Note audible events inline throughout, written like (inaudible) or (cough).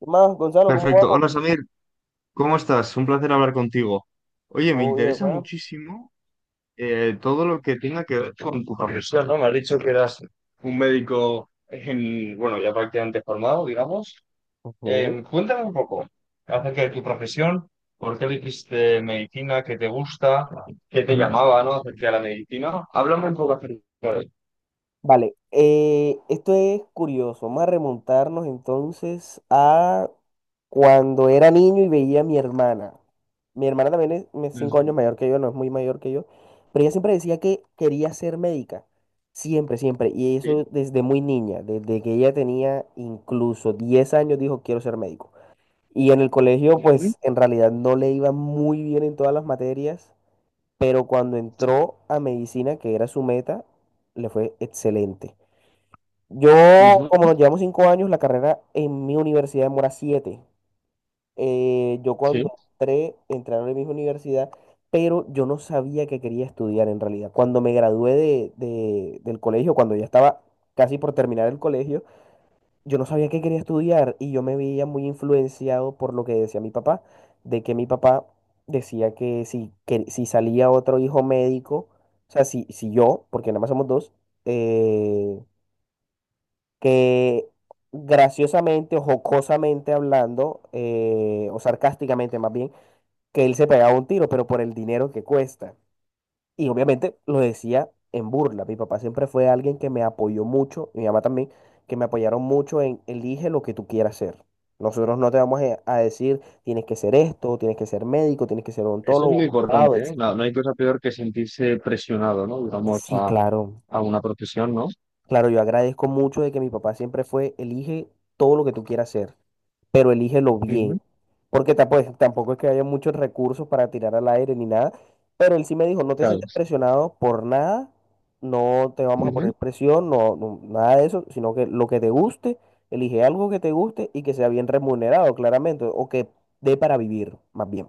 ¿Qué más, Gonzalo? ¿Cómo Perfecto. Hola vamos? Samir, ¿cómo estás? Un placer hablar contigo. Oye, me Oye, interesa papá. muchísimo todo lo que tenga que ver con tu profesión, ¿no? Me has dicho que eras un médico, bueno, ya prácticamente formado, digamos. Ujú. Cuéntame un poco acerca de tu profesión, por qué elegiste medicina, qué te gusta, qué te llamaba, ¿no? Acerca de la medicina. Háblame un poco acerca de. Vale, esto es curioso. Vamos a remontarnos entonces a cuando era niño y veía a mi hermana. Mi hermana también es cinco Ujú, años mayor que yo, no es muy mayor que yo, pero ella siempre decía que quería ser médica. Siempre, siempre. Y sí. eso desde muy niña, desde que ella tenía incluso 10 años, dijo, quiero ser médico. Y en el colegio, Ujú, pues en realidad no le iba muy bien en todas las materias, pero cuando entró a medicina, que era su meta, le fue excelente. Yo, ujú, como nos llevamos cinco años, la carrera en mi universidad demora siete. Yo sí. cuando entré, entré a la misma universidad, pero yo no sabía que quería estudiar en realidad. Cuando me gradué del colegio, cuando ya estaba casi por terminar el colegio, yo no sabía qué quería estudiar y yo me veía muy influenciado por lo que decía mi papá, de que mi papá decía que si salía otro hijo médico, o sea, si, si yo, porque nada más somos dos, eh, que graciosamente o jocosamente hablando, o sarcásticamente más bien, que él se pegaba un tiro, pero por el dinero que cuesta. Y obviamente lo decía en burla. Mi papá siempre fue alguien que me apoyó mucho, y mi mamá también, que me apoyaron mucho en elige lo que tú quieras ser. Nosotros no te vamos a decir tienes que ser esto, tienes que ser médico, tienes que ser Eso es muy odontólogo, abogado, importante, ¿eh? etc. No, no hay cosa peor que sentirse presionado, ¿no? Digamos, Sí, a claro. Una profesión, ¿no? Claro, yo agradezco mucho de que mi papá siempre fue elige todo lo que tú quieras ser, pero elígelo Ujú, bien. Porque pues, tampoco es que haya muchos recursos para tirar al aire ni nada. Pero él sí me dijo, no te claro, sientes presionado por nada, no te vamos a ujú, poner presión, nada de eso, sino que lo que te guste, elige algo que te guste y que sea bien remunerado, claramente, o que dé para vivir, más bien.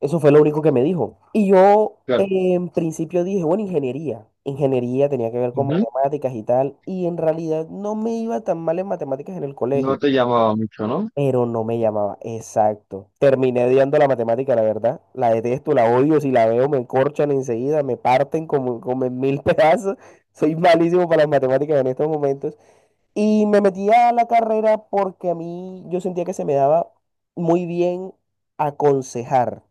Eso fue lo único que me dijo. Y yo claro, en principio dije, bueno, ingeniería. Ingeniería tenía que ver con ujú. matemáticas y tal, y en realidad no me iba tan mal en matemáticas en el colegio. No te llamaba mucho, ¿no? Pero no me llamaba, exacto. Terminé odiando la matemática, la verdad. La detesto, la odio. Si la veo, me encorchan enseguida, me parten como, como en mil (laughs) pedazos. Soy malísimo para las matemáticas en estos momentos. Y me metí a la carrera porque a mí yo sentía que se me daba muy bien aconsejar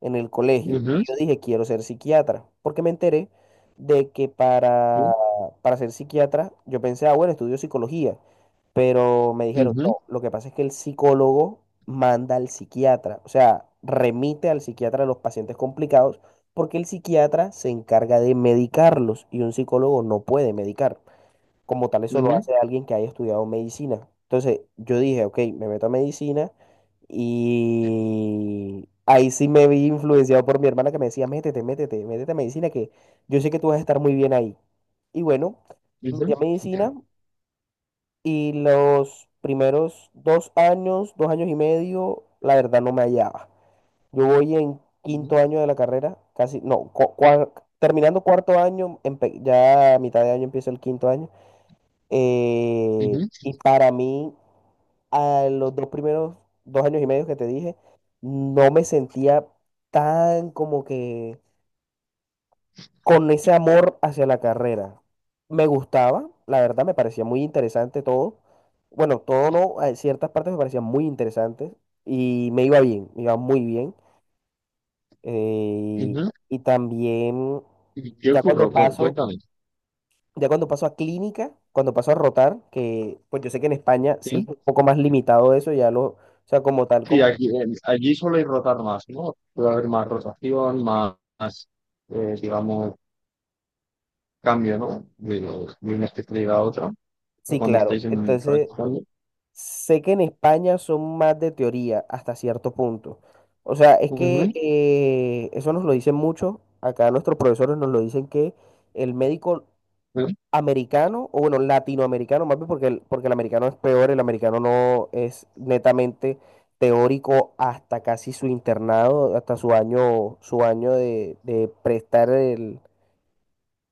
en el colegio. Y Ujú, yo dije, quiero ser psiquiatra, porque me enteré de que ujú, para ser psiquiatra, yo pensé, ah, bueno, estudio psicología, pero me dijeron, ujú, no, lo que pasa es que el psicólogo manda al psiquiatra, o sea, remite al psiquiatra a los pacientes complicados, porque el psiquiatra se encarga de medicarlos y un psicólogo no puede medicar como tal. Eso lo ujú, hace alguien que haya estudiado medicina. Entonces yo dije, ok, me meto a medicina y ahí sí me vi influenciado por mi hermana que me decía, métete, métete, métete a medicina, que yo sé que tú vas a estar muy bien ahí. Y bueno, me ujú, metí a medicina y los primeros dos años y medio, la verdad no me hallaba. Yo voy en ujú, quinto año de la carrera, casi, no, terminando cuarto año, ya a mitad de año empieza el quinto año. Ujú, Y para mí, a los dos primeros dos años y medio que te dije, no me sentía tan como que con ese amor hacia la carrera. Me gustaba, la verdad, me parecía muy interesante todo. Bueno, todo no, ciertas partes me parecían muy interesantes y me iba bien, me iba muy bien. Eh, ujú. y también, ¿Y qué ya cuando ocurrió? Paso, Cuéntame, ya cuando paso a clínica, cuando paso a rotar, que pues yo sé que en España sí es ¿sí? un poco más limitado eso, ya lo, o sea, como tal, Sí, como, aquí, allí suele rotar más, ¿no? Puede haber más rotación, más, más, digamos, cambio, ¿no? De, de una especialidad a otra, o sí, cuando claro. estáis en un Entonces, practicando. sé que en España son más de teoría hasta cierto punto. O sea, es que Ujú, eso nos lo dicen mucho, acá nuestros profesores nos lo dicen que el médico ujú, americano, o bueno, latinoamericano más bien, porque porque el americano es peor, el americano no es netamente teórico hasta casi su internado, hasta su año de prestar el,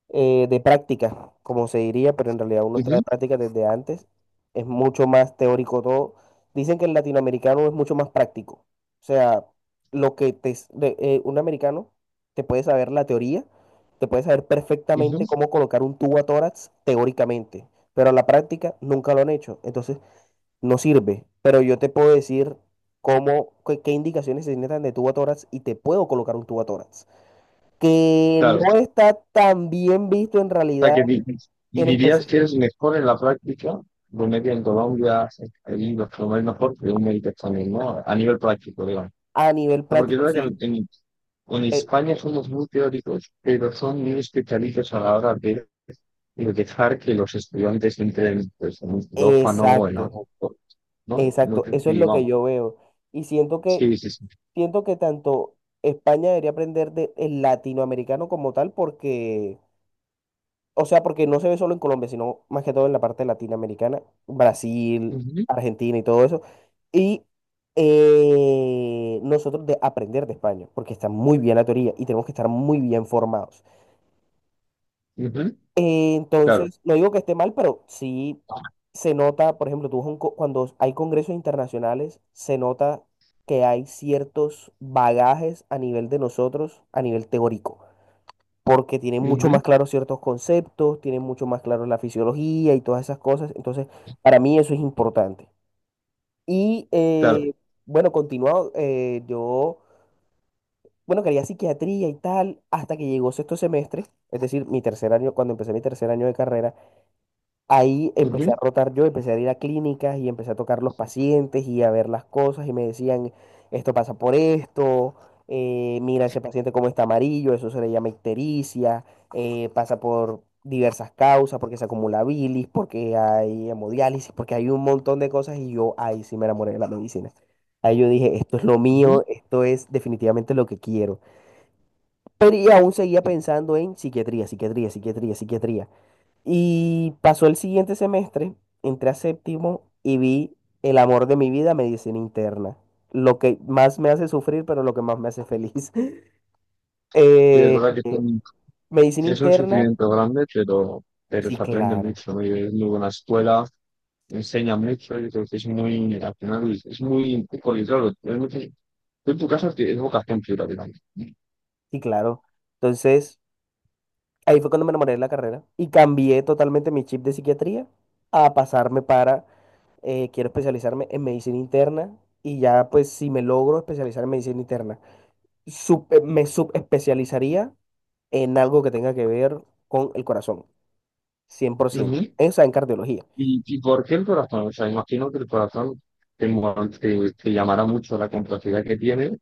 de práctica, como se diría, pero en realidad uno está ujú, de práctica desde antes. Es mucho más teórico todo. Dicen que el latinoamericano es mucho más práctico. O sea, lo que te, s- de- un americano te puede saber la teoría, te puede saber ujú. perfectamente cómo colocar un tubo a tórax teóricamente, pero a la práctica nunca lo han hecho. Entonces, no sirve. Pero yo te puedo decir cómo, qué, qué indicaciones se necesitan de tubo a tórax y te puedo colocar un tubo a tórax, que Claro, no está tan bien visto en sea, realidad, en dirías especial que eres mejor en la práctica, un médico en Colombia, ahí los promedios mejor que un médico también, ¿no? A nivel práctico, digamos. a nivel O sea, porque es práctico. verdad Sí, que en e- España somos muy teóricos, pero son muy especialistas a la hora de dejar que los estudiantes entren pues, en un quirófano o en exacto, algo, ¿no? No exacto. sé Eso es si, lo que vamos. yo veo. Y Sí, sí, sí. siento que tanto España debería aprender de el latinoamericano como tal, porque, o sea, porque no se ve solo en Colombia, sino más que todo en la parte latinoamericana, Brasil, Ujú, Argentina y todo eso. Y nosotros de aprender de España, porque está muy bien la teoría y tenemos que estar muy bien formados. ujú, claro, Entonces, no digo que esté mal, pero sí se nota, por ejemplo, tú vas a un cuando hay congresos internacionales, se nota que hay ciertos bagajes a nivel de nosotros, a nivel teórico, porque tienen mucho ujú, más claros ciertos conceptos, tienen mucho más claro la fisiología y todas esas cosas. Entonces, para mí eso es importante. Y claro, bueno, continuado, eh, yo, bueno, quería psiquiatría y tal, hasta que llegó sexto semestre, es decir, mi tercer año, cuando empecé mi tercer año de carrera. Ahí empecé a ujú, rotar yo, empecé a ir a clínicas y empecé a tocar los pacientes y a ver las cosas y me decían, esto pasa por esto, mira ese paciente como está amarillo, eso se le llama ictericia, pasa por diversas causas, porque se acumula bilis, porque hay hemodiálisis, porque hay un montón de cosas y yo ahí sí me enamoré de la medicina. Ahí yo dije, esto es lo ujú. mío, esto es definitivamente lo que quiero. Pero y aún seguía pensando en psiquiatría, psiquiatría, psiquiatría, psiquiatría. Y pasó el siguiente semestre, entré a séptimo y vi el amor de mi vida, medicina interna. Lo que más me hace sufrir, pero lo que más me hace feliz. (laughs) Sí, es Eh, verdad que eh, son. medicina Sí, es un interna, sufrimiento grande, pero sí, se aprende claro, mucho, ¿no? Y es muy buena escuela, enseña mucho, yo creo que es muy, al final, es muy poco claro, tú en tu casa es vocación pura, digamos. sí, claro. Entonces, ahí fue cuando me enamoré de la carrera y cambié totalmente mi chip de psiquiatría a pasarme para, quiero especializarme en medicina interna y ya pues si me logro especializar en medicina interna, me subespecializaría en algo que tenga que ver con el corazón, 100%. Ujú. Esa en cardiología. Y por qué el corazón? O sea, imagino que el corazón te, te, te llamará mucho la complejidad que tiene,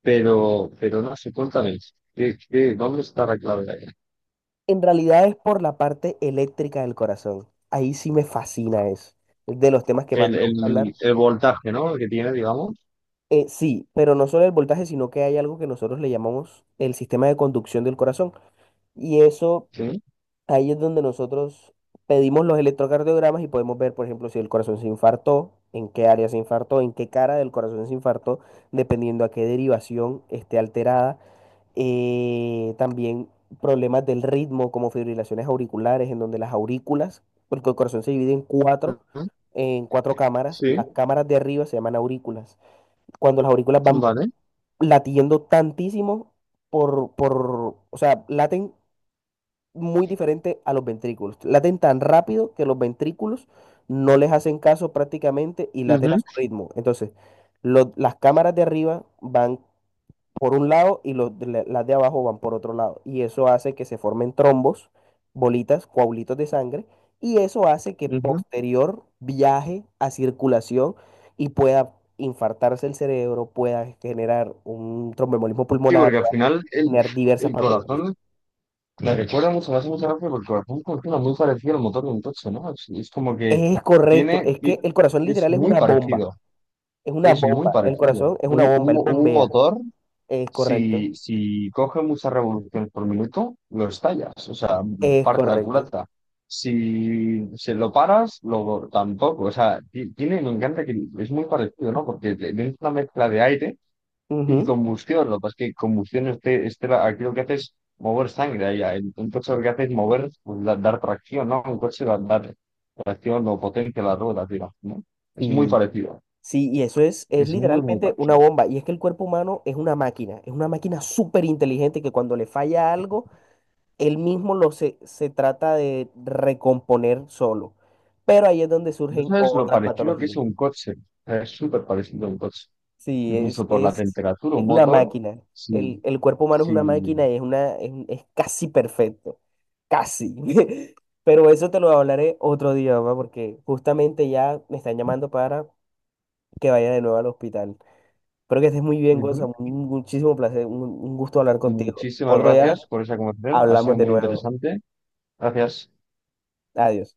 pero no sé, cuéntame, ¿qué, qué, dónde está la clave de ahí? En realidad es por la parte eléctrica del corazón. Ahí sí me fascina eso. Es de los temas que más me gusta hablar. El voltaje, ¿no? Que tiene, digamos. Sí, pero no solo el voltaje, sino que hay algo que nosotros le llamamos el sistema de conducción del corazón. Y eso, Sí. ahí es donde nosotros pedimos los electrocardiogramas y podemos ver, por ejemplo, si el corazón se infartó, en qué área se infartó, en qué cara del corazón se infartó, dependiendo a qué derivación esté alterada. También problemas del ritmo como fibrilaciones auriculares, en donde las aurículas, porque el corazón se divide Ujú. en cuatro cámaras, Sí. las cámaras de arriba se llaman aurículas. Cuando las aurículas van Vale. latiendo tantísimo o sea, laten muy diferente a los ventrículos, laten tan rápido que los ventrículos no les hacen caso prácticamente y laten a Ujú. su ritmo. Entonces, las cámaras de arriba van por un lado y los las de abajo van por otro lado. Y eso hace que se formen trombos, bolitas, coágulos de sangre, y eso hace que Ujú. posterior viaje a circulación y pueda infartarse el cerebro, pueda generar un tromboembolismo Sí, pulmonar, porque al pueda final generar diversas el patologías. corazón me recuerda mucho, me hace mucha gracia porque el corazón funciona muy parecido al motor de un coche, ¿no? Es como que Es correcto, tiene, es que el corazón es literal muy parecido, es una es muy bomba, el parecido. corazón es una bomba, él Un bombea. motor, Es correcto, si, si coge muchas revoluciones por minuto, lo estallas, o sea, es parte la correcto. culata. Si se lo paras, lo tampoco. O sea, tiene, me encanta que es muy parecido, ¿no? Porque le es una mezcla de aire y Ujú, combustión, lo que pasa es que combustión, este, aquí lo que hace es mover sangre. Allá el un coche lo que hace es mover, pues, dar tracción, ¿no? Un coche va a dar tracción o potencia a las ruedas, digamos, ¿no? Es muy sí. parecido, Sí, y eso es es muy, muy literalmente una parecido. bomba. Y es que el cuerpo humano es una máquina súper inteligente que cuando le falla algo, él mismo se trata de recomponer solo. Pero ahí es donde No surgen sabes lo otras parecido que es patologías. un coche, o sea, es súper parecido a un coche. Sí, Incluso por la temperatura, un es una motor, máquina. sí, El cuerpo humano es sí. una máquina y es casi perfecto. Casi. (laughs) Pero eso te lo hablaré otro día, mamá, porque justamente ya me están llamando para que vaya de nuevo al hospital. Espero que estés muy bien, Ujú. Gonzalo. Un muchísimo placer, un gusto hablar contigo. Muchísimas Otro Vale, día gracias por esa conversación, ha hablamos sido de muy nuevo. interesante. Gracias. Adiós.